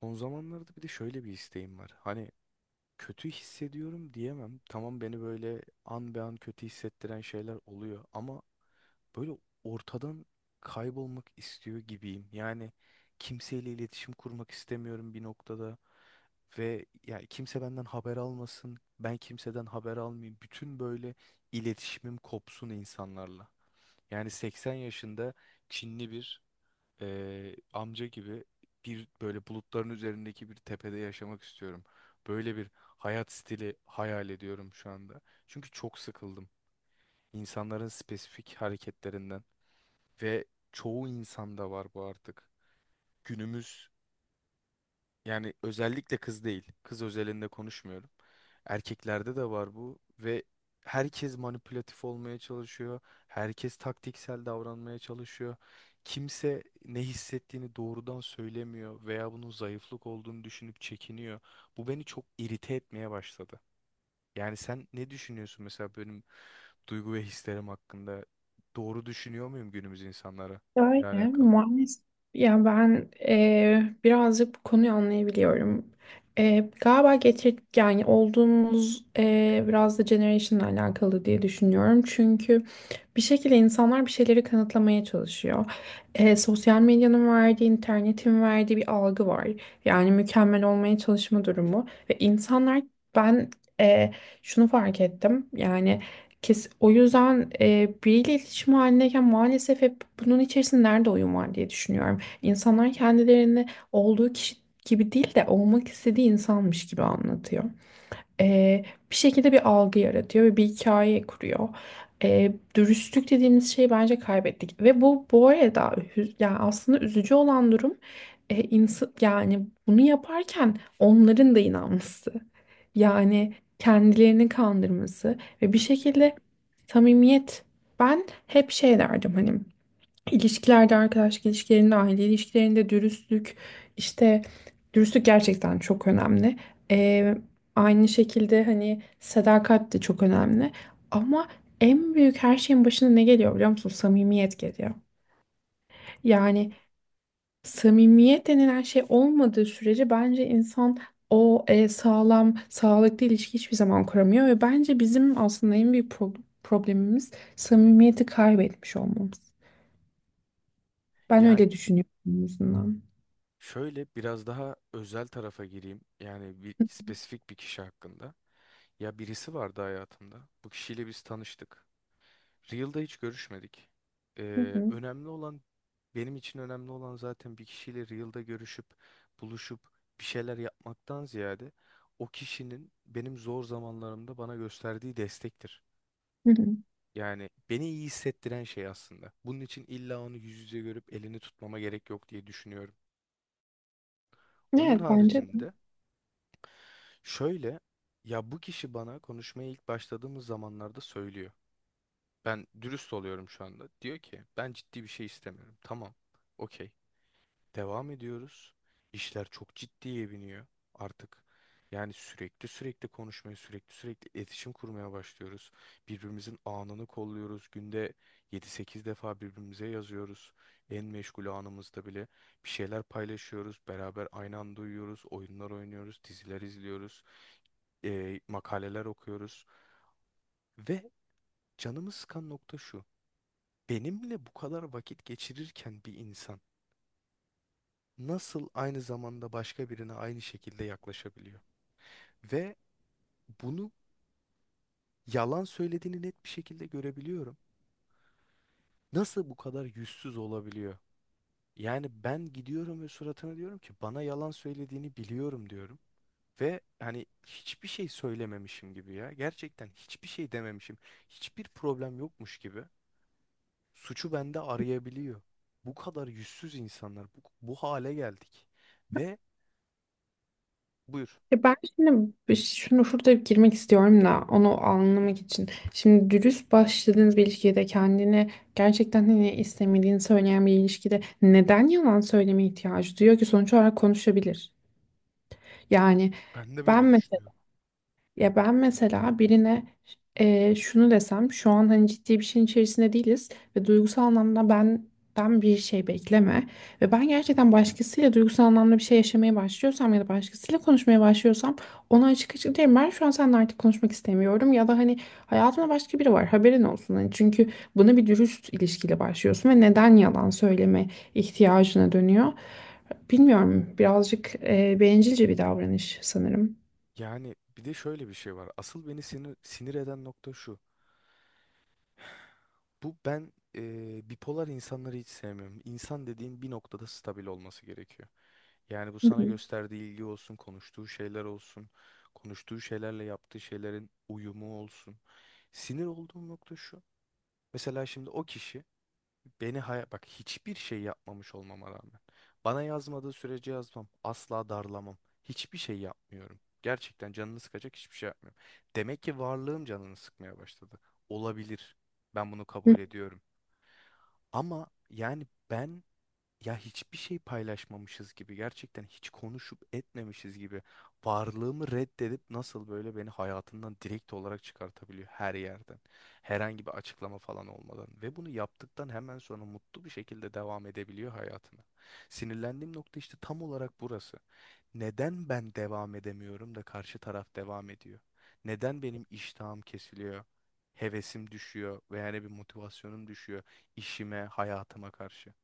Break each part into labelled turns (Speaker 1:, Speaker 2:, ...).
Speaker 1: Son zamanlarda bir de şöyle bir isteğim var. Hani kötü hissediyorum diyemem. Tamam, beni böyle an be an kötü hissettiren şeyler oluyor ama böyle ortadan kaybolmak istiyor gibiyim. Yani kimseyle iletişim kurmak istemiyorum bir noktada ve yani kimse benden haber almasın. Ben kimseden haber almayayım. Bütün böyle iletişimim kopsun insanlarla. Yani 80 yaşında Çinli bir amca gibi bir böyle bulutların üzerindeki bir tepede yaşamak istiyorum. Böyle bir hayat stili hayal ediyorum şu anda. Çünkü çok sıkıldım insanların spesifik hareketlerinden ve çoğu insanda var bu artık. Günümüz, yani özellikle kız değil. Kız özelinde konuşmuyorum. Erkeklerde de var bu ve herkes manipülatif olmaya çalışıyor. Herkes taktiksel davranmaya çalışıyor. Kimse ne hissettiğini doğrudan söylemiyor veya bunun zayıflık olduğunu düşünüp çekiniyor. Bu beni çok irite etmeye başladı. Yani sen ne düşünüyorsun mesela benim duygu ve hislerim hakkında? Doğru düşünüyor muyum günümüz insanlara ile
Speaker 2: Öyle
Speaker 1: alakalı?
Speaker 2: maalesef. Ya ben birazcık bu konuyu anlayabiliyorum. Galiba getir yani olduğumuz biraz da generation'la alakalı diye düşünüyorum. Çünkü bir şekilde insanlar bir şeyleri kanıtlamaya çalışıyor. Sosyal medyanın verdiği, internetin verdiği bir algı var. Yani mükemmel olmaya çalışma durumu ve insanlar ben eee, şunu fark ettim. Yani kes, o yüzden biriyle iletişim halindeyken maalesef hep bunun içerisinde nerede oyun var diye düşünüyorum. İnsanlar kendilerini olduğu kişi gibi değil de olmak istediği insanmış gibi anlatıyor, e, bir şekilde bir algı yaratıyor ve bir hikaye kuruyor. Dürüstlük dediğimiz şeyi bence kaybettik ve bu bu arada yani aslında üzücü olan durum, insan yani bunu yaparken onların da inanması. Yani kendilerini kandırması ve bir
Speaker 1: Gerçekten.
Speaker 2: şekilde samimiyet. Ben hep şey derdim hani İlişkilerde, arkadaşlık ilişkilerinde, aile ilişkilerinde dürüstlük, işte dürüstlük gerçekten çok önemli.
Speaker 1: Hı hı,
Speaker 2: Ee, Aynı şekilde hani sadakat de çok önemli. Ama en büyük her şeyin başına ne geliyor biliyor musun? Samimiyet geliyor.
Speaker 1: doğru.
Speaker 2: Yani samimiyet denilen şey olmadığı sürece bence insan o sağlam, sağlıklı ilişki hiçbir zaman kuramıyor ve bence bizim aslında en büyük problemimiz samimiyeti kaybetmiş olmamız. Ben
Speaker 1: Yani
Speaker 2: öyle düşünüyorum en azından.
Speaker 1: şöyle biraz daha özel tarafa gireyim. Yani bir spesifik bir kişi hakkında. Ya birisi vardı hayatımda. Bu kişiyle biz tanıştık. Real'da hiç görüşmedik.
Speaker 2: Hı hı,
Speaker 1: Önemli olan benim için önemli olan zaten bir kişiyle Real'da görüşüp buluşup bir şeyler yapmaktan ziyade o kişinin benim zor zamanlarımda bana gösterdiği destektir.
Speaker 2: hı hı.
Speaker 1: Yani beni iyi hissettiren şey aslında. Bunun için illa onu yüz yüze görüp elini tutmama gerek yok diye düşünüyorum. Onun
Speaker 2: Evet bence de.
Speaker 1: haricinde şöyle, ya bu kişi bana konuşmaya ilk başladığımız zamanlarda söylüyor. Ben dürüst oluyorum şu anda. Diyor ki ben ciddi bir şey istemiyorum. Tamam. Okey. Devam ediyoruz. İşler çok ciddiye biniyor artık. Yani sürekli sürekli konuşmaya, sürekli sürekli iletişim kurmaya başlıyoruz. Birbirimizin anını kolluyoruz. Günde yedi sekiz defa birbirimize yazıyoruz. En meşgul anımızda bile bir şeyler paylaşıyoruz. Beraber aynı anda uyuyoruz, oyunlar oynuyoruz, diziler izliyoruz, makaleler okuyoruz. Ve canımı sıkan nokta şu. Benimle bu kadar vakit geçirirken bir insan nasıl aynı zamanda başka birine aynı şekilde yaklaşabiliyor? Ve bunu yalan söylediğini net bir şekilde görebiliyorum. Nasıl bu kadar yüzsüz olabiliyor? Yani ben gidiyorum ve suratına diyorum ki bana yalan söylediğini biliyorum diyorum. Ve hani hiçbir şey söylememişim gibi ya. Gerçekten hiçbir şey dememişim. Hiçbir problem yokmuş gibi. Suçu bende arayabiliyor. Bu kadar yüzsüz insanlar. Bu hale geldik. Ve buyur.
Speaker 2: Ya ben şimdi şunu şurada girmek istiyorum da onu anlamak için. Şimdi dürüst başladığınız bir ilişkide kendini gerçekten hani istemediğini söyleyen bir ilişkide neden yalan söyleme ihtiyacı duyuyor ki sonuç olarak konuşabilir. Yani
Speaker 1: Ben de böyle
Speaker 2: ben,
Speaker 1: düşünüyorum.
Speaker 2: ya ben mesela birine şunu desem şu an hani ciddi bir şeyin içerisinde değiliz ve duygusal anlamda benden bir şey bekleme ve ben gerçekten başkasıyla duygusal anlamda bir şey yaşamaya başlıyorsam ya da başkasıyla konuşmaya başlıyorsam ona açık açık derim ben şu an seninle artık konuşmak istemiyorum ya da hani hayatımda başka biri var haberin olsun hani çünkü buna bir dürüst ilişkiyle başlıyorsun ve neden yalan söyleme ihtiyacına dönüyor bilmiyorum, birazcık bencilce bir davranış sanırım.
Speaker 1: Yani bir de şöyle bir şey var. Asıl beni sinir eden nokta şu. Bipolar insanları hiç sevmiyorum. İnsan dediğin bir noktada stabil olması gerekiyor. Yani bu
Speaker 2: Hı
Speaker 1: sana
Speaker 2: hı.
Speaker 1: gösterdiği ilgi olsun, konuştuğu şeyler olsun, konuştuğu şeylerle yaptığı şeylerin uyumu olsun. Sinir olduğum nokta şu. Mesela şimdi o kişi beni bak, hiçbir şey yapmamış olmama rağmen. Bana yazmadığı sürece yazmam. Asla darlamam. Hiçbir şey yapmıyorum. Gerçekten canını sıkacak hiçbir şey yapmıyorum. Demek ki varlığım canını sıkmaya başladı. Olabilir. Ben bunu kabul ediyorum. Ama yani ben, ya hiçbir şey paylaşmamışız gibi, gerçekten hiç konuşup etmemişiz gibi, varlığımı reddedip nasıl böyle beni hayatından direkt olarak çıkartabiliyor her yerden? Herhangi bir açıklama falan olmadan ve bunu yaptıktan hemen sonra mutlu bir şekilde devam edebiliyor hayatına. Sinirlendiğim nokta işte tam olarak burası. Neden ben devam edemiyorum da karşı taraf devam ediyor? Neden benim iştahım kesiliyor? Hevesim düşüyor veya yani bir motivasyonum düşüyor işime, hayatıma karşı.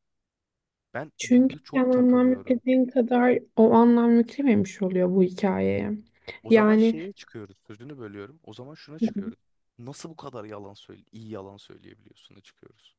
Speaker 1: Ben
Speaker 2: Çünkü
Speaker 1: burada
Speaker 2: sen
Speaker 1: çok
Speaker 2: anlam
Speaker 1: takılıyorum.
Speaker 2: yüklediğin kadar o anlam yüklememiş oluyor bu hikayeye.
Speaker 1: O zaman
Speaker 2: Yani
Speaker 1: şeye çıkıyoruz. Sözünü bölüyorum. O zaman şuna çıkıyoruz. Nasıl bu kadar iyi yalan söyleyebiliyorsun'a çıkıyoruz.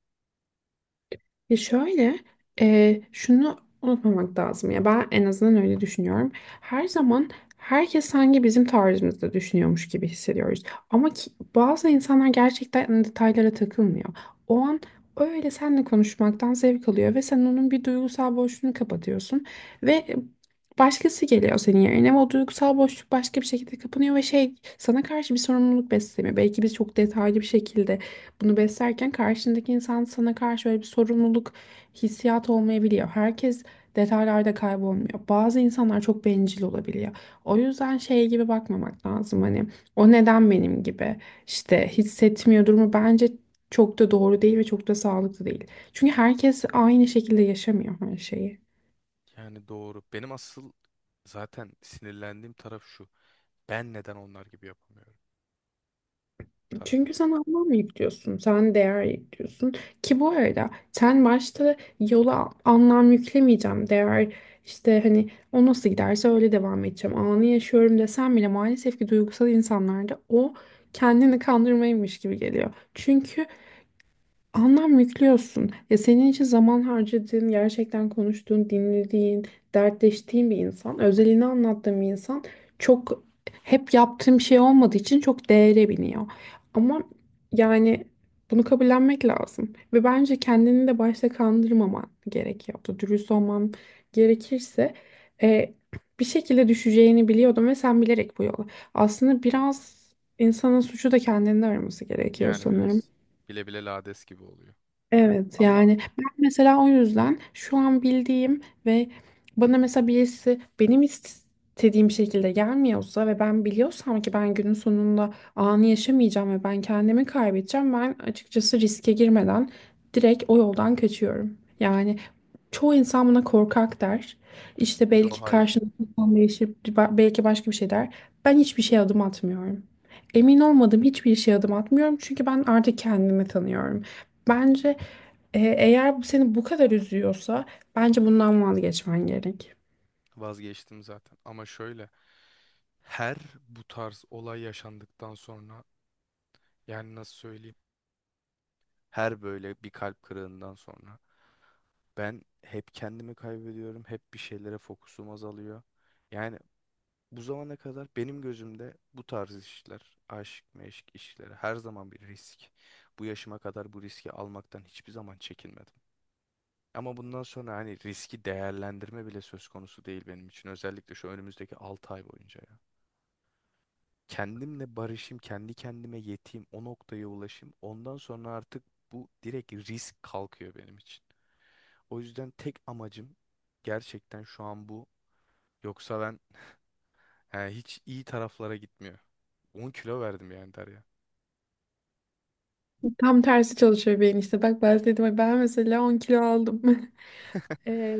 Speaker 2: ya şöyle, şunu unutmamak lazım ya ben en azından öyle düşünüyorum. Her zaman herkes sanki bizim tarzımızda düşünüyormuş gibi hissediyoruz. Ama ki, bazı insanlar gerçekten detaylara takılmıyor. O an öyle seninle konuşmaktan zevk alıyor ve sen onun bir duygusal boşluğunu kapatıyorsun ve başkası geliyor senin yerine ve o duygusal boşluk başka bir şekilde kapanıyor ve şey sana karşı bir sorumluluk beslemiyor. Belki biz çok detaylı bir şekilde bunu beslerken karşındaki insan sana karşı böyle bir sorumluluk hissiyatı olmayabiliyor. Herkes detaylarda kaybolmuyor. Bazı insanlar çok bencil olabiliyor. O yüzden şey gibi bakmamak lazım, hani o neden benim gibi işte hissetmiyor durumu bence çok da doğru değil ve çok da sağlıklı değil. Çünkü herkes aynı şekilde yaşamıyor her şeyi.
Speaker 1: Yani doğru. Benim asıl zaten sinirlendiğim taraf şu. Ben neden onlar gibi yapamıyorum tarafı.
Speaker 2: Çünkü sen anlam yüklüyorsun, sen değer yüklüyorsun. Ki bu arada sen başta yola anlam yüklemeyeceğim, değer işte hani o nasıl giderse öyle devam edeceğim. Anı yaşıyorum desem bile maalesef ki duygusal insanlarda o kendini kandırmaymış gibi geliyor. Çünkü anlam yüklüyorsun. Ya senin için zaman harcadığın, gerçekten konuştuğun, dinlediğin, dertleştiğin bir insan, özelini anlattığın bir insan çok, hep yaptığım şey olmadığı için çok değere biniyor. Ama yani bunu kabullenmek lazım. Ve bence kendini de başta kandırmaman gerekiyordu. Dürüst olman gerekirse e, bir şekilde düşeceğini biliyordum ve sen bilerek bu yola. Aslında
Speaker 1: Hı.
Speaker 2: biraz insanın suçu da kendinde araması gerekiyor
Speaker 1: Yani
Speaker 2: sanırım.
Speaker 1: biraz bile bile lades gibi oluyor.
Speaker 2: Evet
Speaker 1: Ama
Speaker 2: yani ben mesela o yüzden şu an bildiğim ve bana mesela birisi benim istediğim şekilde gelmiyorsa ve ben biliyorsam ki ben günün sonunda anı yaşamayacağım ve ben kendimi kaybedeceğim, ben açıkçası riske girmeden direkt o yoldan kaçıyorum. Yani çoğu insan buna korkak der. İşte
Speaker 1: yo,
Speaker 2: belki
Speaker 1: hayır,
Speaker 2: karşındaki insan değişir, belki başka bir şey der. Ben hiçbir şeye adım atmıyorum. Emin olmadığım hiçbir şeye adım atmıyorum çünkü ben artık kendimi tanıyorum. Bence eğer bu seni bu kadar üzüyorsa bence bundan vazgeçmen gerek.
Speaker 1: vazgeçtim zaten. Ama şöyle, her bu tarz olay yaşandıktan sonra, yani nasıl söyleyeyim? Her böyle bir kalp kırığından sonra ben hep kendimi kaybediyorum, hep bir şeylere fokusum azalıyor. Yani bu zamana kadar benim gözümde bu tarz işler, aşk meşk işleri her zaman bir risk. Bu yaşıma kadar bu riski almaktan hiçbir zaman çekinmedim. Ama bundan sonra hani riski değerlendirme bile söz konusu değil benim için. Özellikle şu önümüzdeki 6 ay boyunca ya. Kendimle barışayım, kendi kendime yeteyim, o noktaya ulaşayım. Ondan sonra artık bu direkt risk kalkıyor benim için. O yüzden tek amacım gerçekten şu an bu. Yoksa ben, he, hiç iyi taraflara gitmiyor. 10 kilo verdim yani Derya.
Speaker 2: Tam tersi çalışıyor beyin işte. Bak ben dedim ay ben mesela 10 kilo aldım. E,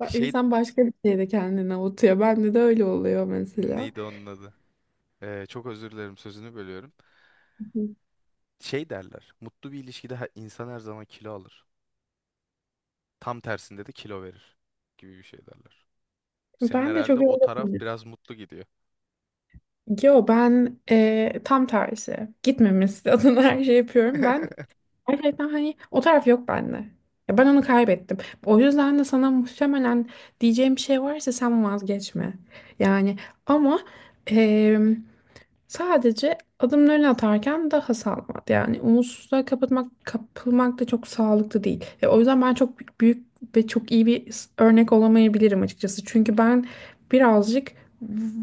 Speaker 1: Şey,
Speaker 2: insan başka bir şeyde kendini avutuyor. Bende de öyle oluyor mesela.
Speaker 1: neydi onun adı? Çok özür dilerim, sözünü bölüyorum. Şey derler. Mutlu bir ilişkide insan her zaman kilo alır. Tam tersinde de kilo verir gibi bir şey derler. Senin
Speaker 2: Ben de
Speaker 1: herhalde
Speaker 2: çok öyle
Speaker 1: o taraf
Speaker 2: oluyor.
Speaker 1: biraz mutlu gidiyor.
Speaker 2: Yo ben tam tersi. Gitmemesi adına her şey yapıyorum. Ben gerçekten hani o taraf yok bende. Ya ben onu kaybettim. O yüzden de sana muhtemelen diyeceğim bir şey varsa sen vazgeçme. Yani ama em, sadece adımlarını atarken daha sağlam at. Yani umutsuzluğa kapatmak, kapılmak da çok sağlıklı değil. O yüzden ben çok büyük ve çok iyi bir örnek olamayabilirim açıkçası. Çünkü ben birazcık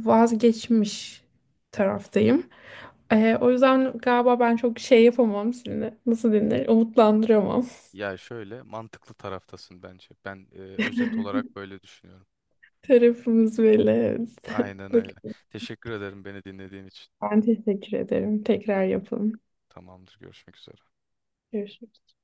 Speaker 2: vazgeçmiş taraftayım. O yüzden galiba ben çok şey yapamam şimdi. Nasıl denir? Umutlandıramam.
Speaker 1: Ya şöyle, mantıklı taraftasın bence. Ben özet olarak böyle düşünüyorum.
Speaker 2: Tarafımız belli. Evet.
Speaker 1: Aynen öyle.
Speaker 2: Bak,
Speaker 1: Teşekkür ederim beni dinlediğin için.
Speaker 2: ben teşekkür ederim.
Speaker 1: Gör-
Speaker 2: Tekrar yapalım.
Speaker 1: Tamamdır. Görüşmek üzere.
Speaker 2: Görüşürüz.